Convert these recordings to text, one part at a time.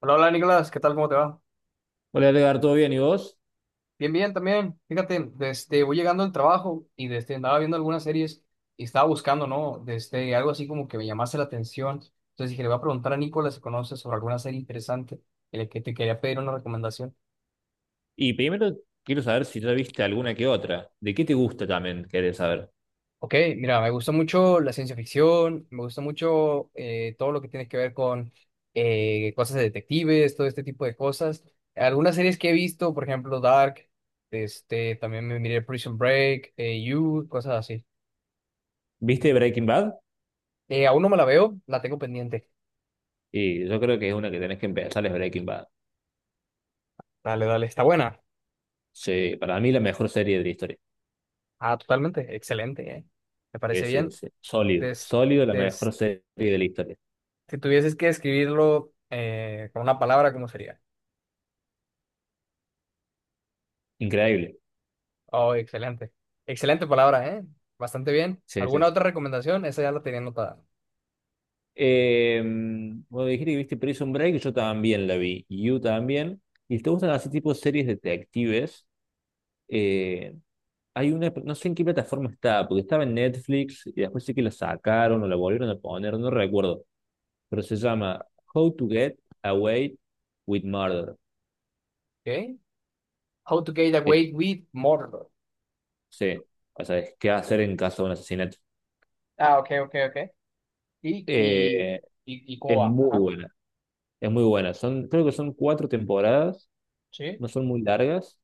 Hola, hola Nicolás, ¿qué tal? ¿Cómo te va? Hola Edgar, ¿todo bien? ¿Y vos? Bien, bien, también. Fíjate, voy llegando al trabajo y desde andaba viendo algunas series y estaba buscando, ¿no? Desde algo así como que me llamase la atención. Entonces dije, le voy a preguntar a Nicolás si conoce sobre alguna serie interesante en la que te quería pedir una recomendación. Y primero quiero saber si ya viste alguna que otra. ¿De qué te gusta también? Querés saber. Ok, mira, me gusta mucho la ciencia ficción, me gusta mucho todo lo que tiene que ver con cosas de detectives, todo este tipo de cosas. Algunas series que he visto, por ejemplo, Dark, este, también me miré Prison Break, You, cosas así. ¿Viste Breaking Bad? Aún no me la veo, la tengo pendiente. Y yo creo que es una que tenés que empezar, es Breaking Bad. Dale, dale, está buena. Sí, para mí la mejor serie de la historia. Ah, totalmente, excelente, eh. Me Sí, parece sí, bien. sí. Sólido, Des- sólido, la mejor des- serie de la historia. si tuvieses que describirlo con una palabra, ¿cómo sería? Increíble. Oh, excelente. Excelente palabra, eh. Bastante bien. Sí, sí. ¿Alguna sí. otra recomendación? Esa ya la tenía anotada. Eh, Vos dijiste que viste Prison Break, yo también la vi. You también. ¿Y te gustan así tipo series detectives? Eh, Hay una, no sé en qué plataforma está, porque estaba en Netflix y después sí que la sacaron o la volvieron a poner, no recuerdo, pero se llama How to Get Away with Murder. Okay. How to get Es, away with murder. sí, o sea, es qué hacer en caso de un asesinato. Ah, ok, ok, ok. Y, y, Eh, y cómo es va. muy Ajá. buena, es muy buena. Creo que son cuatro temporadas, Sí, no son muy largas,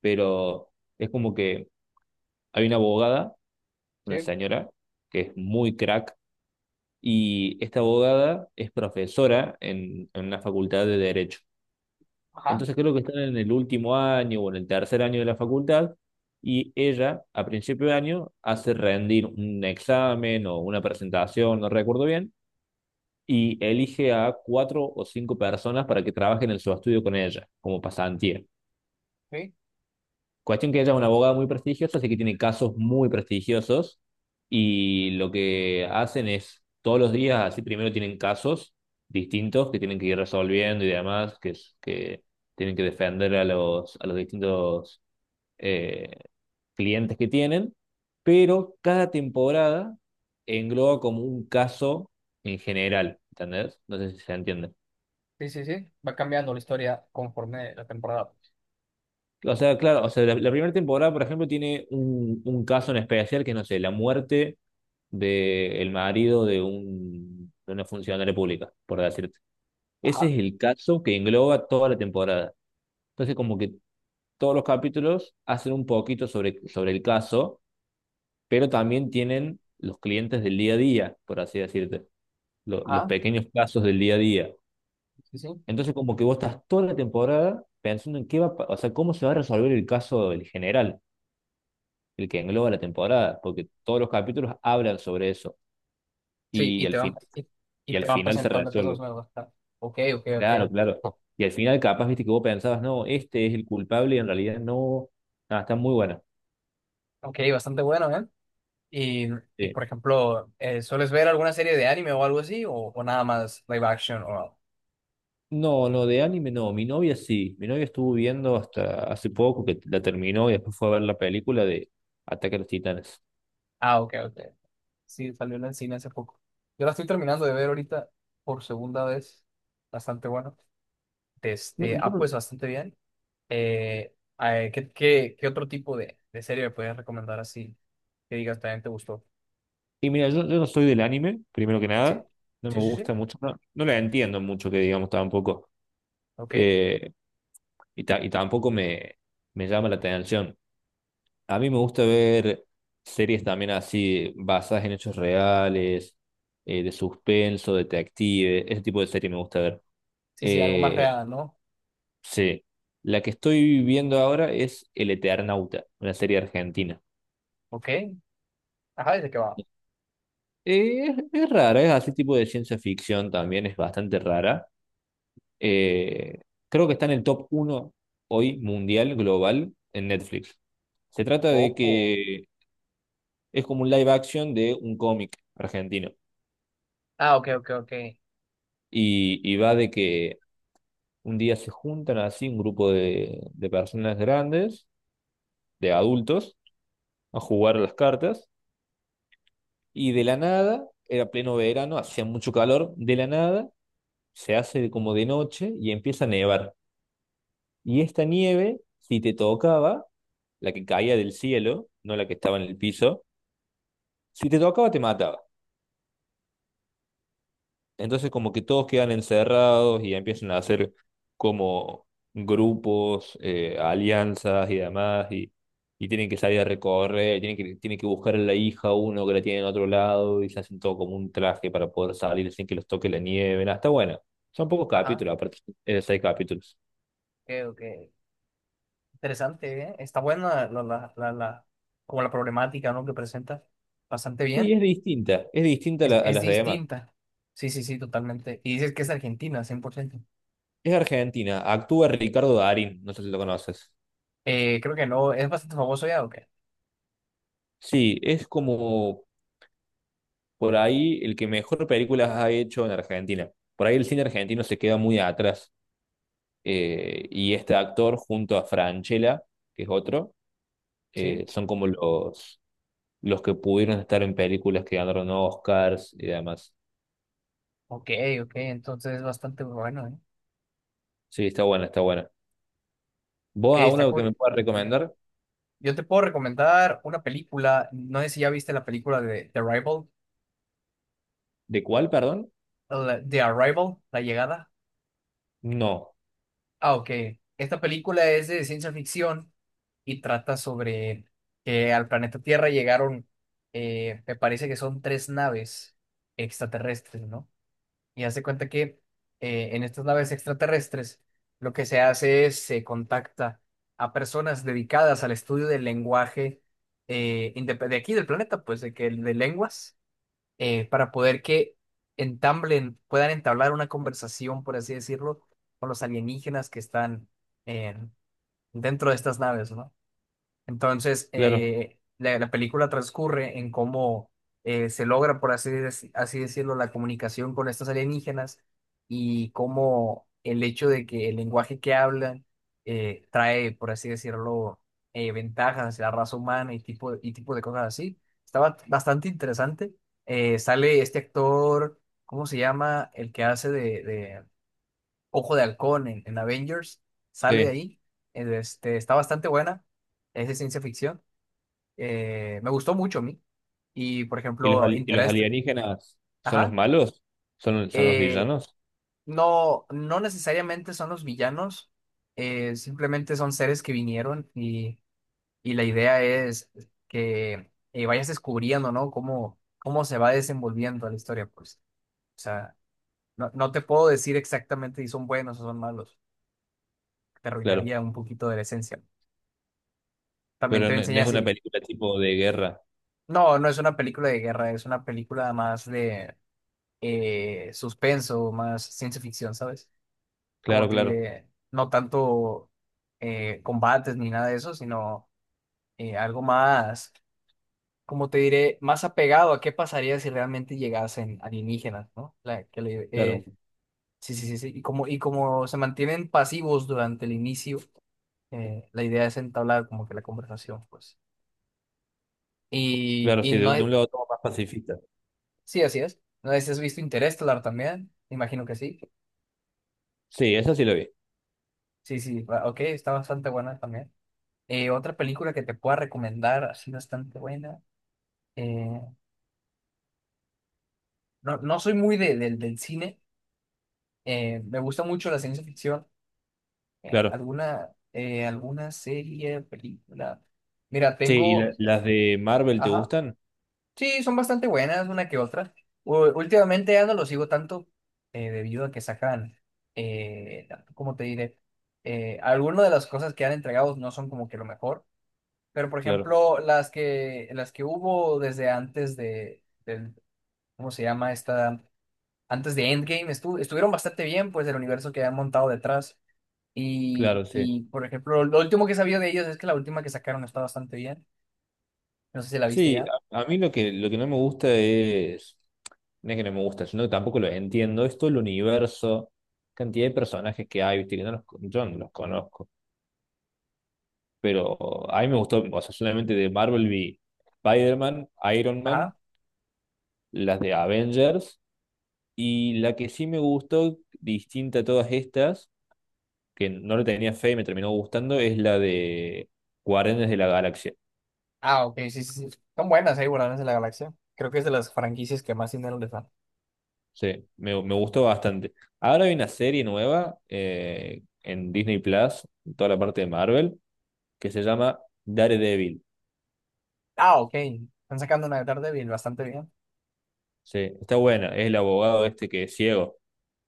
pero es como que hay una abogada, una sí. señora, que es muy crack, y esta abogada es profesora en una facultad de Derecho. Ajá. Entonces creo que están en el último año o en el tercer año de la facultad y ella a principio de año hace rendir un examen o una presentación, no recuerdo bien, y elige a cuatro o cinco personas para que trabajen en su estudio con ella como pasantía. Sí, Cuestión que ella es una abogada muy prestigiosa, así que tiene casos muy prestigiosos y lo que hacen es todos los días, así primero tienen casos distintos que tienen que ir resolviendo y demás, que tienen que defender a los distintos eh, clientes que tienen, pero cada temporada engloba como un caso en general, ¿entendés? No sé si se entiende. sí, sí, sí. Va cambiando la historia conforme la temporada. O sea, claro, o sea, la primera temporada, por ejemplo, tiene un caso en especial que, no sé, la muerte del marido de una funcionaria pública, por decirte. Ese Ajá. es el caso que engloba toda la temporada. Entonces, como que todos los capítulos hacen un poquito sobre el caso, pero también tienen los clientes del día a día, por así decirte, los Ajá. pequeños casos del día a día. Sí, sí. Entonces, como que vos estás toda la temporada pensando en qué va, o sea, cómo se va a resolver el caso del general, el que engloba la temporada, porque todos los capítulos hablan sobre eso Sí, y y al te van, final, y, y te van se presentando que sos resuelve. nuevo. Está- Ok, ok, ok. Claro, claro. Y al final capaz, viste, que vos pensabas, no, este es el culpable y en realidad no. Ah, está muy buena. Ok, bastante bueno, ¿eh? Y, y Sí. por ejemplo, ¿sueles ver alguna serie de anime o algo así? O nada más live action o algo? No, no, de anime no. Mi novia sí. Mi novia estuvo viendo hasta hace poco que la terminó y después fue a ver la película de Ataque a los Titanes. Ah, ok, ok. Sí, salió en el cine hace poco. Yo la estoy terminando de ver ahorita por segunda vez. Bastante bueno. No, Este, yo ah, no- pues bastante bien. ¿Qué otro tipo de serie me puedes recomendar así? Que digas también te gustó. Y mira, yo no soy del anime, primero que nada. Sí, No sí, me sí, sí. gusta mucho. No, no la entiendo mucho, que digamos tampoco. Ok. Eh, y tampoco me llama la atención. A mí me gusta ver series también así, basadas en hechos reales, de suspenso, detective, ese tipo de serie me gusta ver. Sí, sí, algo más Eh, real, ¿no? sí, la que estoy viendo ahora es El Eternauta, una serie argentina. Ok. Ajá, ¿de qué va? Es rara, es así tipo de ciencia ficción también, es bastante rara. Eh, Creo que está en el top uno hoy mundial, global, en Netflix. Se trata de Ojo. que es como un live action de un cómic argentino. Ah, ok, ok, ok. Y va de que un día se juntan así un grupo de personas grandes, de adultos, a jugar a las cartas. Y de la nada, era pleno verano, hacía mucho calor, de la nada se hace como de noche y empieza a nevar. Y esta nieve, si te tocaba, la que caía del cielo, no la que estaba en el piso, si te tocaba te mataba. Entonces como que todos quedan encerrados y empiezan a hacer como grupos, alianzas y demás, y, tienen que salir a recorrer, tienen que buscar a la hija uno que la tiene en otro lado y se hacen todo como un traje para poder salir sin que los toque la nieve. Nada, está bueno. Son pocos Ajá, capítulos, aparte, es de seis capítulos. ok, ok. Interesante, ¿eh? Está buena la, la, la, la- como la problemática, ¿no? Que presenta. Bastante Sí, bien. Es distinta a Es las demás. distinta. Sí, sí, sí, totalmente. Y dices que es Argentina, 100%. Es Argentina, actúa Ricardo Darín, no sé si lo conoces. Creo que no. ¿Es bastante famoso ya o qué? Sí, es como por ahí el que mejor películas ha hecho en Argentina. Por ahí el cine argentino se queda muy atrás. Y este actor junto a Francella, que es otro, Sí. Son como los que pudieron estar en películas que ganaron Oscars y demás. Ok, ok. Entonces es bastante bueno, ¿eh? Sí, está buena, está buena. Ok, ¿Vos a uno que me puedas está curioso. recomendar? Yo te puedo recomendar una película. No sé si ya viste la película de The Rival ¿De cuál, perdón? The Arrival, La Llegada. No, Ah, ok. Esta película es de ciencia ficción y trata sobre que al planeta Tierra llegaron, me parece que son tres naves extraterrestres, ¿no? Y hace cuenta que en estas naves extraterrestres lo que se hace es se contacta a personas dedicadas al estudio del lenguaje de aquí del planeta, pues de que de lenguas para poder que entablen, puedan entablar una conversación, por así decirlo, con los alienígenas que están eh, dentro de estas naves, ¿no? Entonces, claro, la, la película transcurre en cómo se logra, así decirlo, la comunicación con estos alienígenas y cómo el hecho de que el lenguaje que hablan trae, por así decirlo, ventajas hacia la raza humana y tipo de cosas así. Estaba bastante interesante. Sale este actor, ¿cómo se llama? El que hace de, Ojo de Halcón en Avengers, sale sí. ahí, este, está bastante buena, es de ciencia ficción, me gustó mucho a mí, y por ¿Y ejemplo, los Interest, alienígenas son los ajá, malos? ¿Son los eh, villanos? no, no necesariamente son los villanos, simplemente son seres que vinieron y la idea es que vayas descubriendo, ¿no? Cómo, cómo se va desenvolviendo la historia, pues, o sea, no, no te puedo decir exactamente si son buenos o son malos, te Claro, arruinaría un poquito de la esencia. También pero te no enseña es una así. película tipo de guerra. No, no es una película de guerra, es una película más de suspenso, más ciencia ficción, ¿sabes? Como Claro, te claro, diré, no tanto combates ni nada de eso, sino algo más, como te diré, más apegado a qué pasaría si realmente llegasen alienígenas, ¿no? Claro. Sí, sí, sí, sí. Y como se mantienen pasivos durante el inicio, la idea es entablar como que la conversación, pues. Claro, Y sí, no, de un lado todo más pacifista. Sí, así es. No sé si has visto Interestelar también. Imagino que sí. Sí, esa sí la vi, Sí, sí. Ok, está bastante buena también. Otra película que te pueda recomendar, así bastante buena. eh, no, no soy muy del del cine. Me gusta mucho la ciencia ficción. Claro. Alguna serie, película. Mira, Sí, ¿y tengo. Las de Marvel te Ajá. gustan? Sí, son bastante buenas, una que otra. Últimamente ya no lo sigo tanto debido a que sacan, eh, ¿cómo te diré? Algunas de las cosas que han entregado no son como que lo mejor, pero por Claro, ejemplo, las que hubo desde antes de, del, ¿cómo se llama esta? Antes de Endgame estuvieron bastante bien, pues, del universo que han montado detrás. Y, claro, sí. y, por ejemplo, lo último que sabía de ellos es que la última que sacaron está bastante bien. No sé si la viste Sí, ya. a mí lo que no me gusta es, no es que no me gusta, sino que tampoco lo entiendo, es todo el universo, cantidad de personajes que hay, viste, que no los, yo no los conozco, pero a mí me gustó, o sea, solamente de Marvel vi Spider-Man, Iron Man, las de Avengers, y la que sí me gustó, distinta a todas estas, que no le tenía fe y me terminó gustando es la de Guardianes de la Galaxia. Ah, ok, sí, sí, sí. Son buenas ahí, Guardianes de la Galaxia. Creo que es de las franquicias que más dinero les dan. Sí, me gustó bastante. Ahora hay una serie nueva en Disney Plus, en toda la parte de Marvel, que se llama Daredevil. Ah, ok. Están sacando una de Daredevil bastante bien. Sí, está buena. Es el abogado este que es ciego.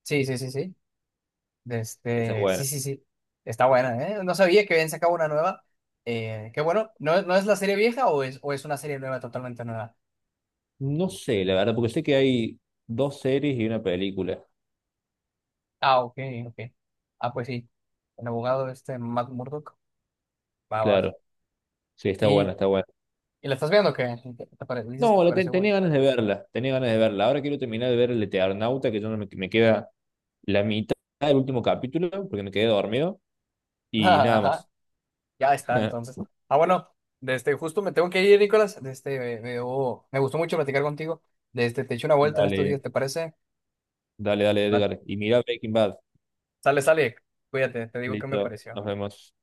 Sí, sí, sí, sí. De Está Este, sí, buena. sí, sí. Está buena, ¿eh? No sabía que habían sacado una nueva. Qué bueno. ¿No, no es la serie vieja o es una serie nueva, totalmente nueva? No sé, la verdad, porque sé que hay dos series y una película. Ah, ok, ok. Ah, pues sí. El abogado este, Matt Murdock. Va, va. Claro. Sí, está buena, ¿Y, está buena. y la estás viendo o qué? Dices que No, te pareció buena. tenía ganas de verla, tenía ganas de verla. Ahora quiero terminar de ver el Eternauta, que yo no me, me queda la mitad del último capítulo porque me quedé dormido y nada Ajá. más. Ya está, entonces. Ah, bueno, desde justo me tengo que ir, Nicolás. Desde, me- oh, me gustó mucho platicar contigo. Desde, te echo una vuelta en estos Dale, días, ¿te parece? dale, dale, Va, Edgar. Y mira Breaking Bad. Sale, sale. Cuídate, te digo qué me Listo, pareció. nos vemos.